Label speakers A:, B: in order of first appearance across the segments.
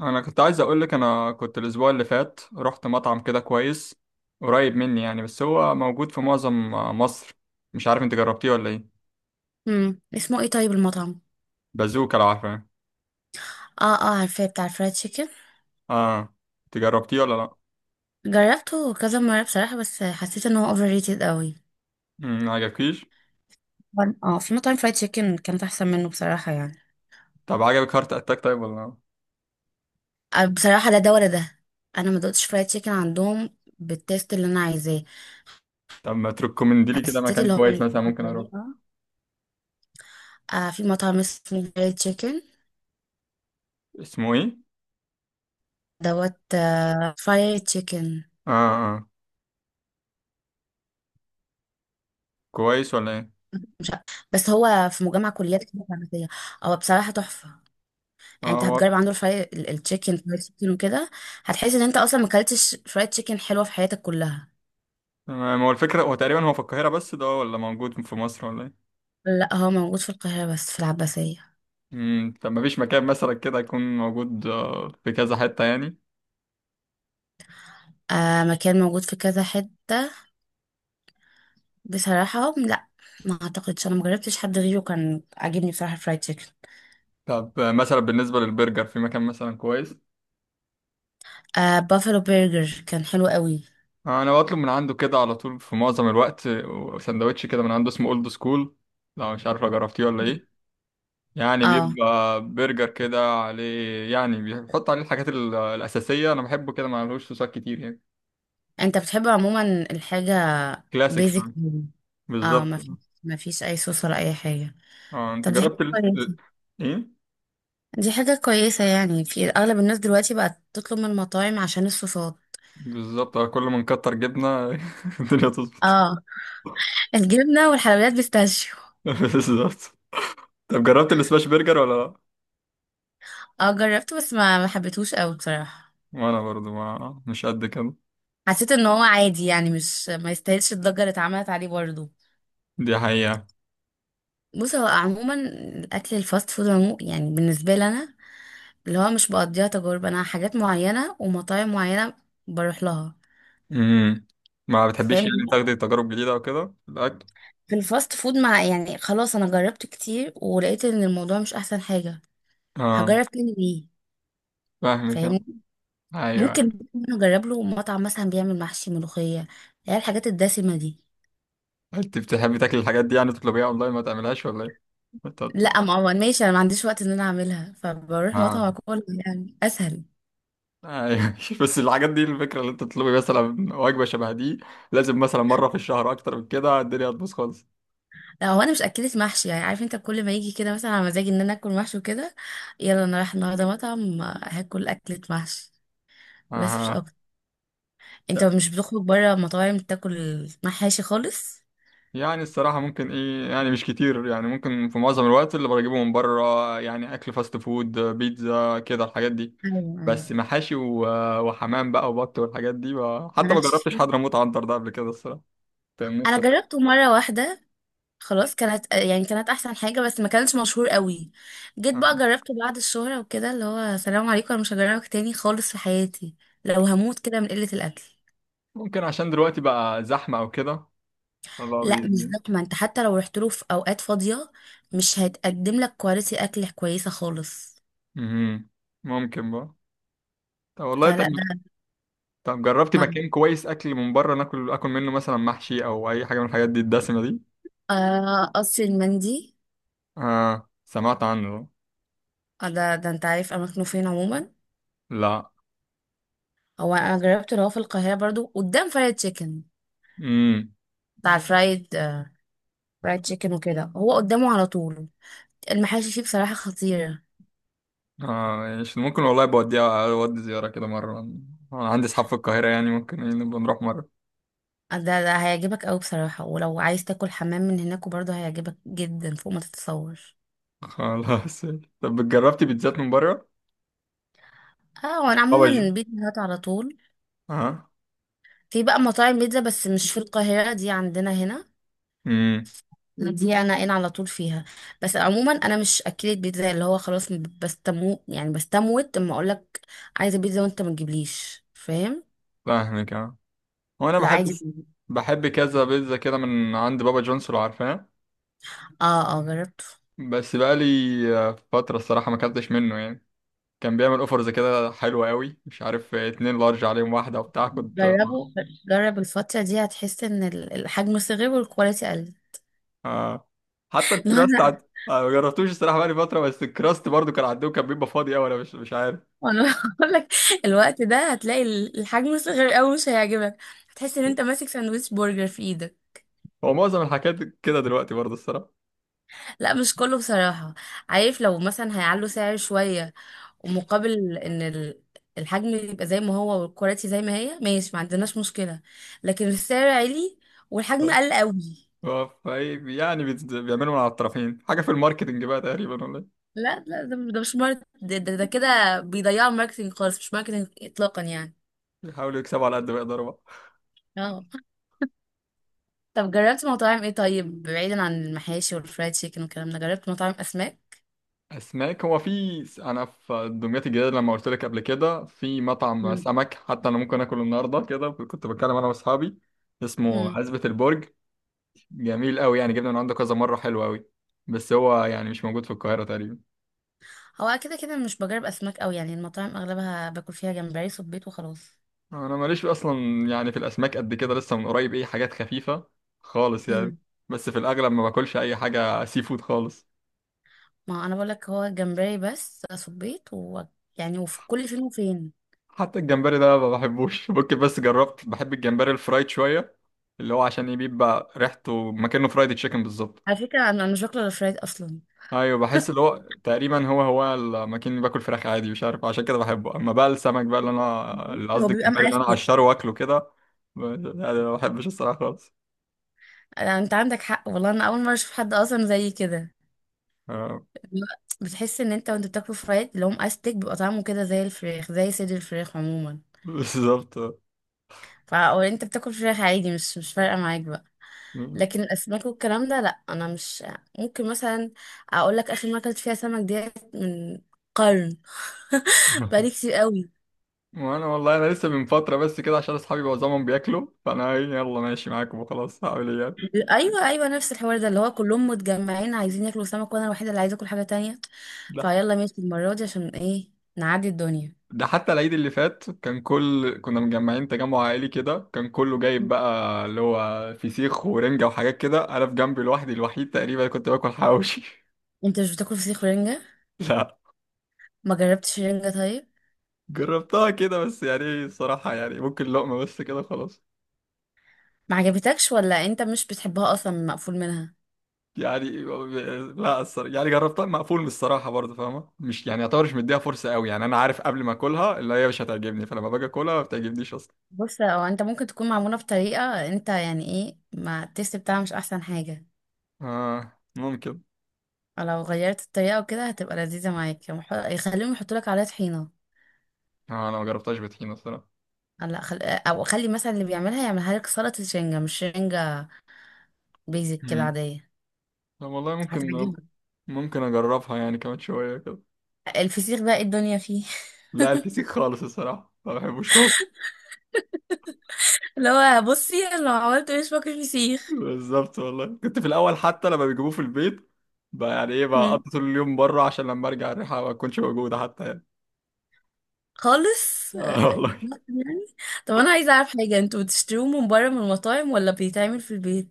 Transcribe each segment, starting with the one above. A: انا كنت عايز اقول لك، انا كنت الاسبوع اللي فات رحت مطعم كده كويس قريب مني يعني، بس هو موجود في معظم مصر. مش عارف انت جربتيه ولا ايه.
B: اسمه ايه طيب المطعم؟
A: بازوكا، لو عارفه.
B: اه عارفاه بتاع الفرايد تشيكن.
A: اه. انت جربتيه ولا لا؟
B: جربته كذا مره بصراحه، بس حسيت ان هو اوفر ريتد قوي.
A: ما عجبكيش.
B: في مطاعم فرايد تشيكن كانت احسن منه بصراحه يعني.
A: طب عجبك هارت اتاك طيب ولا لا؟
B: بصراحه لا ده ولا ده. انا ما دقتش فرايد تشيكن عندهم بالتيست اللي انا عايزاه.
A: طب ما تركمندي لي كده
B: حسيت
A: مكان
B: اللي هو
A: كويس مثلا ممكن اروح.
B: بطريقه، في مطعم اسمه فرايد تشيكن
A: اسمه ايه؟
B: دوت فرايد تشيكن.
A: اه اه. كويس ولا ايه؟
B: مش عارف- بس هو في مجمع كليات كده فارماسية. هو بصراحه تحفه، يعني
A: اه
B: انت
A: هو.
B: هتجرب عنده الفراي التشيكن فرايد تشيكن وكده، هتحس ان انت اصلا ما اكلتش فرايد تشيكن حلوه في حياتك كلها.
A: تمام، هو الفكره هو تقريبا هو في القاهره بس ده ولا موجود في مصر ولا ايه؟
B: لا هو موجود في القاهره بس، في العباسيه.
A: طب ما فيش مكان مثلا كده يكون موجود في كذا حته يعني؟
B: آه مكان موجود في كذا حته، بصراحه لا. ما اعتقدش، انا مجربتش حد غيره كان عاجبني بصراحه الفرايد تشيكن.
A: طب مثلا بالنسبة للبرجر في مكان مثلا كويس؟
B: آه بافلو برجر كان حلو قوي.
A: آه، أنا بطلب من عنده كده على طول في معظم الوقت، سندوتش كده من عنده اسمه أولد سكول. لو مش عارف، لو جربتيه ولا
B: مم.
A: إيه. يعني
B: اه،
A: بيبقى برجر كده عليه، يعني بيحط عليه الحاجات الأساسية. أنا بحبه كده، ما عليهوش صوصات كتير يعني.
B: انت بتحب عموما الحاجه
A: كلاسيك
B: بيزك.
A: شوية.
B: اه،
A: بالظبط.
B: ما فيش، ما فيش اي صوص ولا اي حاجه.
A: اه، أنت
B: طب دي حاجه
A: جربت
B: كويسه،
A: إيه؟
B: دي حاجة كويسة، يعني في أغلب الناس دلوقتي بقت تطلب من المطاعم عشان الصوصات.
A: بالظبط. آه، كل ما نكتر جبنة الدنيا تظبط.
B: اه، الجبنة والحلويات بيستاشيو.
A: بالظبط. طب جربت السماش برجر ولا لأ؟
B: اه جربته بس ما حبيتهوش قوي بصراحة.
A: وأنا برضو ما مش قد كده.
B: حسيت ان هو عادي يعني، مش ما يستاهلش الضجة اللي اتعملت عليه برضه.
A: دي حقيقة.
B: بص، هو عموما الأكل الفاست فود عمو، يعني بالنسبة لي أنا، اللي هو مش بقضيها تجارب، أنا حاجات معينة ومطاعم معينة بروح لها.
A: امم. ما بتحبيش يعني
B: فاهم؟
A: تاخدي تجارب جديدة او كده في الاكل؟
B: في الفاست فود مع يعني خلاص، أنا جربت كتير ولقيت ان الموضوع مش أحسن حاجة.
A: اه،
B: هجرب تاني ليه؟
A: فاهمك يعني. ايوه، أيوة.
B: ممكن نجرب له مطعم مثلا بيعمل محشي ملوخية، هي الحاجات الدسمة دي.
A: انت بتحبي تاكلي الحاجات دي يعني تطلبيها اونلاين ما تعملهاش ولا ايه؟ أنت بت-
B: لا ما هو ماشي، انا ما عنديش وقت ان انا اعملها، فبروح مطعم
A: اه،
B: اكل يعني اسهل.
A: ايوه. بس الحاجات دي، الفكرة اللي انت تطلبي مثلا وجبة شبه دي لازم مثلا مرة في الشهر، اكتر من كده الدنيا هتبوظ خالص.
B: لا هو انا مش اكلة محشي، يعني عارف انت، كل ما يجي كده مثلا على مزاجي ان انا اكل محشي وكده، يلا انا رايح النهارده مطعم هاكل اكلة محشي. بس مش
A: اها.
B: اكتر. انت مش بتخرج بره مطاعم تاكل محاشي خالص؟
A: يعني الصراحة ممكن ايه، يعني مش كتير. يعني ممكن في معظم الوقت اللي بجيبه من بره يعني اكل فاست فود، بيتزا، كده الحاجات دي.
B: ايوه ايوه.
A: بس محاشي وحمام بقى وبط والحاجات دي بقى. حتى ما
B: مالكش
A: جربتش
B: فيه.
A: حضرموت عنتر ده قبل كده الصراحة. تمام،
B: انا
A: نفسي.
B: جربته مره واحده خلاص، كانت يعني كانت احسن حاجه، بس ما كانش مشهور قوي. جيت بقى
A: آه.
B: جربته بعد الشهره وكده، اللي هو سلام عليكم انا مش هجربك تاني خالص في حياتي. لو هموت كده من قله الاكل.
A: ممكن عشان دلوقتي بقى زحمة او كده، فبقى
B: لا مش
A: بي-
B: زحمه، انت حتى لو رحت له في اوقات فاضيه مش هيتقدم لك كواليتي اكل كويسه خالص.
A: مهم. ممكن بقى. طب والله، طب.
B: فلا ده.
A: طب جربتي
B: مع
A: مكان كويس اكل من بره ناكل اكل منه مثلا محشي او اي حاجة من الحاجات دي الدسمة دي؟
B: قصر المندي.
A: اه، سمعت عنه.
B: ده انت عارف اماكنه فين عموما؟ هو انا جربته اللي هو في القاهره برضو، قدام فرايد تشيكن،
A: لا.
B: بتاع الفرايد فرايد تشيكن وكده، هو قدامه على طول. المحاشي فيه بصراحة خطيرة.
A: اه، مش ممكن والله، بوديها اودي زيارة كده مرة. انا عندي اصحاب في القاهرة، يعني ممكن إيه نبقى نروح مرة.
B: ده هيعجبك أوي بصراحة، ولو عايز تاكل حمام من هناك وبرضه هيعجبك جدا فوق ما تتصور.
A: خلاص. طب جربتي بيتزات من بره؟
B: اه وانا
A: طبعا.
B: عموما بيتزا هات على طول.
A: اه.
B: في بقى مطاعم بيتزا بس مش في القاهرة، دي عندنا هنا،
A: امم.
B: دي انا على طول فيها. بس عموما انا مش اكلت بيتزا اللي هو خلاص، بستمو يعني بستموت اما اقولك عايزة بيتزا وانت ما تجيبليش، فاهم؟
A: فاهمك. اه هو انا
B: لا
A: بحب،
B: عادي.
A: بحب كذا بيتزا كده من عند بابا جونز، لو عارفاه.
B: اه اه جربته.
A: بس بقى لي فترة الصراحة ما اكلتش منه يعني. كان بيعمل اوفرز كده حلوة قوي، مش عارف، اتنين لارج عليهم واحدة وبتاع كنت.
B: جربه، جرب الفترة دي هتحس ان الحجم صغير والكواليتي قل.
A: آه. حتى الكراست
B: لا
A: عند. أنا ما جربتوش الصراحه، بقالي فتره، بس الكراست برضو كان عندهم كان بيبقى فاضي قوي، انا مش عارف.
B: انا بقول لك الوقت ده هتلاقي الحجم صغير قوي، مش هيعجبك، هتحس ان انت ماسك ساندويتش برجر في ايدك.
A: هو معظم الحاجات كده دلوقتي برضو الصراحه.
B: لا مش كله بصراحة. عارف، لو مثلا هيعلوا سعر شوية ومقابل ان الحجم يبقى زي ما هو والكواليتي زي ما هي، ماشي ما عندناش مشكلة، لكن السعر عالي والحجم قل قوي.
A: هو فاي يعني بيعملوا من على الطرفين حاجه في الماركتنج بقى تقريبا ولا إيه؟
B: لا ده, ده مش ماركت، ده كده بيضيعوا الماركتينج خالص، مش ماركتينج اطلاقا يعني.
A: بيحاولوا يكسبوا على قد ما يقدروا بقى.
B: اه طب جربت مطاعم ايه طيب، بعيدا عن المحاشي والفرايد تشيكن والكلام ده، جربت مطاعم اسماك؟
A: اسماك، هو في انا في دمياط الجديده لما قلت لك قبل كده في مطعم
B: مم.
A: سمك، حتى انا ممكن اكله النهارده، كده كنت بتكلم انا واصحابي. اسمه
B: مم.
A: عزبة البرج. جميل قوي يعني، جبنا من عنده كذا مره، حلو قوي. بس هو يعني مش موجود في القاهره تقريبا.
B: هو كده كده مش بجرب اسماك قوي، يعني المطاعم اغلبها باكل فيها جمبري صبيط وخلاص.
A: انا ماليش اصلا، يعني في الاسماك قد كده، لسه من قريب ايه، حاجات خفيفه خالص يعني.
B: مم.
A: بس في الاغلب ما باكلش اي حاجه سي فود خالص.
B: ما انا بقول لك، هو جمبري بس، صبيط و يعني، وفي كل فين وفين.
A: حتى الجمبري ده ما بحبوش. ممكن بس جربت، بحب الجمبري الفرايد شويه، اللي هو عشان إيه بيبقى ريحته مكانه فرايد تشيكن بالظبط.
B: على فكره انا مش باكل الفرايد اصلا.
A: ايوه، بحس اللي هو تقريبا هو هو المكان اللي باكل فراخ عادي، مش عارف عشان كده بحبه. اما بقى السمك بقى اللي انا، اللي
B: هو
A: قصدي
B: بيبقى
A: الجمبري اللي انا
B: مقفل.
A: اقشره واكله كده، لا، أنا ما بحبش الصراحه خالص.
B: انت عندك حق والله، انا اول مره اشوف حد اصلا زي كده.
A: آه.
B: لا، بتحس ان انت وانت بتاكله فرايد اللي هو مأستك، بيبقى طعمه كده زي الفراخ، زي صدر الفراخ عموما.
A: بالظبط.
B: او انت بتاكل فراخ عادي، مش فارقه معاك بقى. لكن الاسماك والكلام ده لا. انا مش ممكن مثلا اقول لك اخر مره اكلت فيها سمك ديت من قرن. بقالي كتير قوي.
A: وانا والله انا لسه من فتره بس كده، عشان اصحابي معظمهم بياكلوا، فانا إيه، يلا ماشي معاكم وخلاص، هعمل ايه يعني؟
B: ايوه ايوه نفس الحوار ده، اللي هو كلهم متجمعين عايزين ياكلوا سمك وانا الوحيده اللي عايزه اكل حاجه تانية.
A: لا.
B: فيلا ماشي المره دي، عشان ايه؟ نعدي الدنيا.
A: ده حتى العيد اللي فات كان كل، كنا مجمعين تجمع عائلي كده، كان كله جايب بقى اللي هو فسيخ ورنجه وحاجات كده، انا في جنبي لوحدي، الوحيد تقريبا كنت باكل حواوشي.
B: انت مش بتاكل فسيخ ورنجه؟
A: لا.
B: ما جربتش رنجه طيب؟
A: جربتها كده بس، يعني إيه، الصراحه يعني ممكن لقمه بس كده خلاص
B: ما عجبتكش ولا انت مش بتحبها اصلا، مقفول منها؟
A: يعني. لا الصراحة، يعني جربتها مقفول من الصراحة برضه فاهمة، مش يعني يعتبر مش مديها فرصة قوي يعني، أنا عارف قبل ما أكلها اللي هي مش هتعجبني، فلما باجي أكلها ما بتعجبنيش أصلا.
B: بص، هو انت ممكن تكون معمولة بطريقة انت يعني ايه، ما التيست بتاعها مش احسن حاجة.
A: آه، ممكن.
B: لو غيرت الطريقة وكده هتبقى لذيذة معاك. يوم يخليهم يحطوا لك عليها طحينة.
A: آه، أنا ما جربتهاش بطحينة الصراحة.
B: او خلي مثلا اللي بيعملها يعملها لك سلطة شنجة مش شنجة، بيزك كده
A: مم.
B: عادية.
A: طب والله، ممكن.
B: هتعجبك.
A: ممكن أجربها يعني كمان شوية كده.
B: الفسيخ بقى ايه الدنيا فيه.
A: لا الفسيخ خالص الصراحة ما بحبوش خالص.
B: اللي هو بصي، لو عملت مش باكل فسيخ.
A: بالظبط والله، كنت في الأول حتى لما بيجيبوه في البيت بقى، يعني إيه بقى،
B: مم.
A: أقضي طول اليوم بره عشان لما أرجع الريحة ما تكونش موجودة حتى يعني.
B: خالص
A: آه والله.
B: يعني. طب انا عايزة اعرف حاجة، انتوا بتشتروه من بره من المطاعم ولا بيتعمل في البيت؟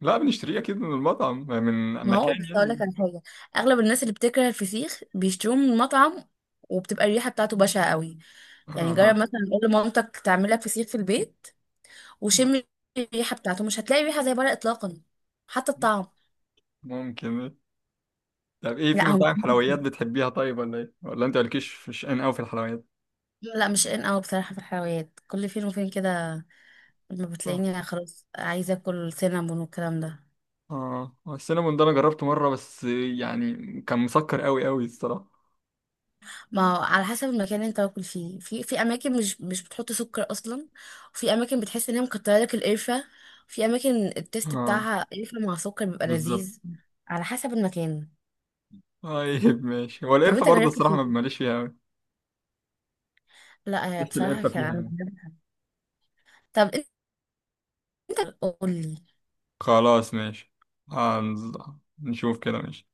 A: لا، بنشتريه اكيد من المطعم، يعني من
B: ما
A: مكان
B: هو بس اقول لك
A: يعني.
B: على حاجه، اغلب الناس اللي بتكره الفسيخ بيشتروه من مطعم، وبتبقى الريحه بتاعته بشعه قوي. يعني جرب
A: آه.
B: مثلا قول لمامتك تعمل لك فسيخ في البيت، وشم الريحه بتاعته، مش هتلاقي ريحه زي بره اطلاقا، حتى الطعم.
A: ممكن. طب ايه، في
B: لا هو مش،
A: مطاعم حلويات بتحبيها طيب ولا ايه، ولا انت مالكيش في شأن قوي في الحلويات؟
B: لا مش ان قوي بصراحه في الحلويات، كل فين وفين كده، لما
A: اه.
B: بتلاقيني خلاص عايزه اكل سينابون والكلام ده.
A: اه السينابون ده انا جربته مره بس يعني، كان مسكر قوي قوي الصراحه.
B: ما هو على حسب المكان اللي انت واكل فيه، في في اماكن مش بتحط سكر اصلا، وفي اماكن بتحس ان هي مكتره لك القرفه، في اماكن التيست
A: اه،
B: بتاعها قرفه مع سكر بيبقى
A: بالظبط.
B: لذيذ. على حسب المكان.
A: طيب ماشي. هو
B: طب
A: القرفه
B: انت
A: برضه
B: جربت
A: الصراحه ما
B: فين؟
A: ماليش فيها قوي،
B: لا
A: بس
B: بصراحه
A: القرفه
B: كان
A: فيها
B: انا
A: يعني.
B: طب انت قول لي.
A: خلاص ماشي. هنز- نشوف كده ماشي.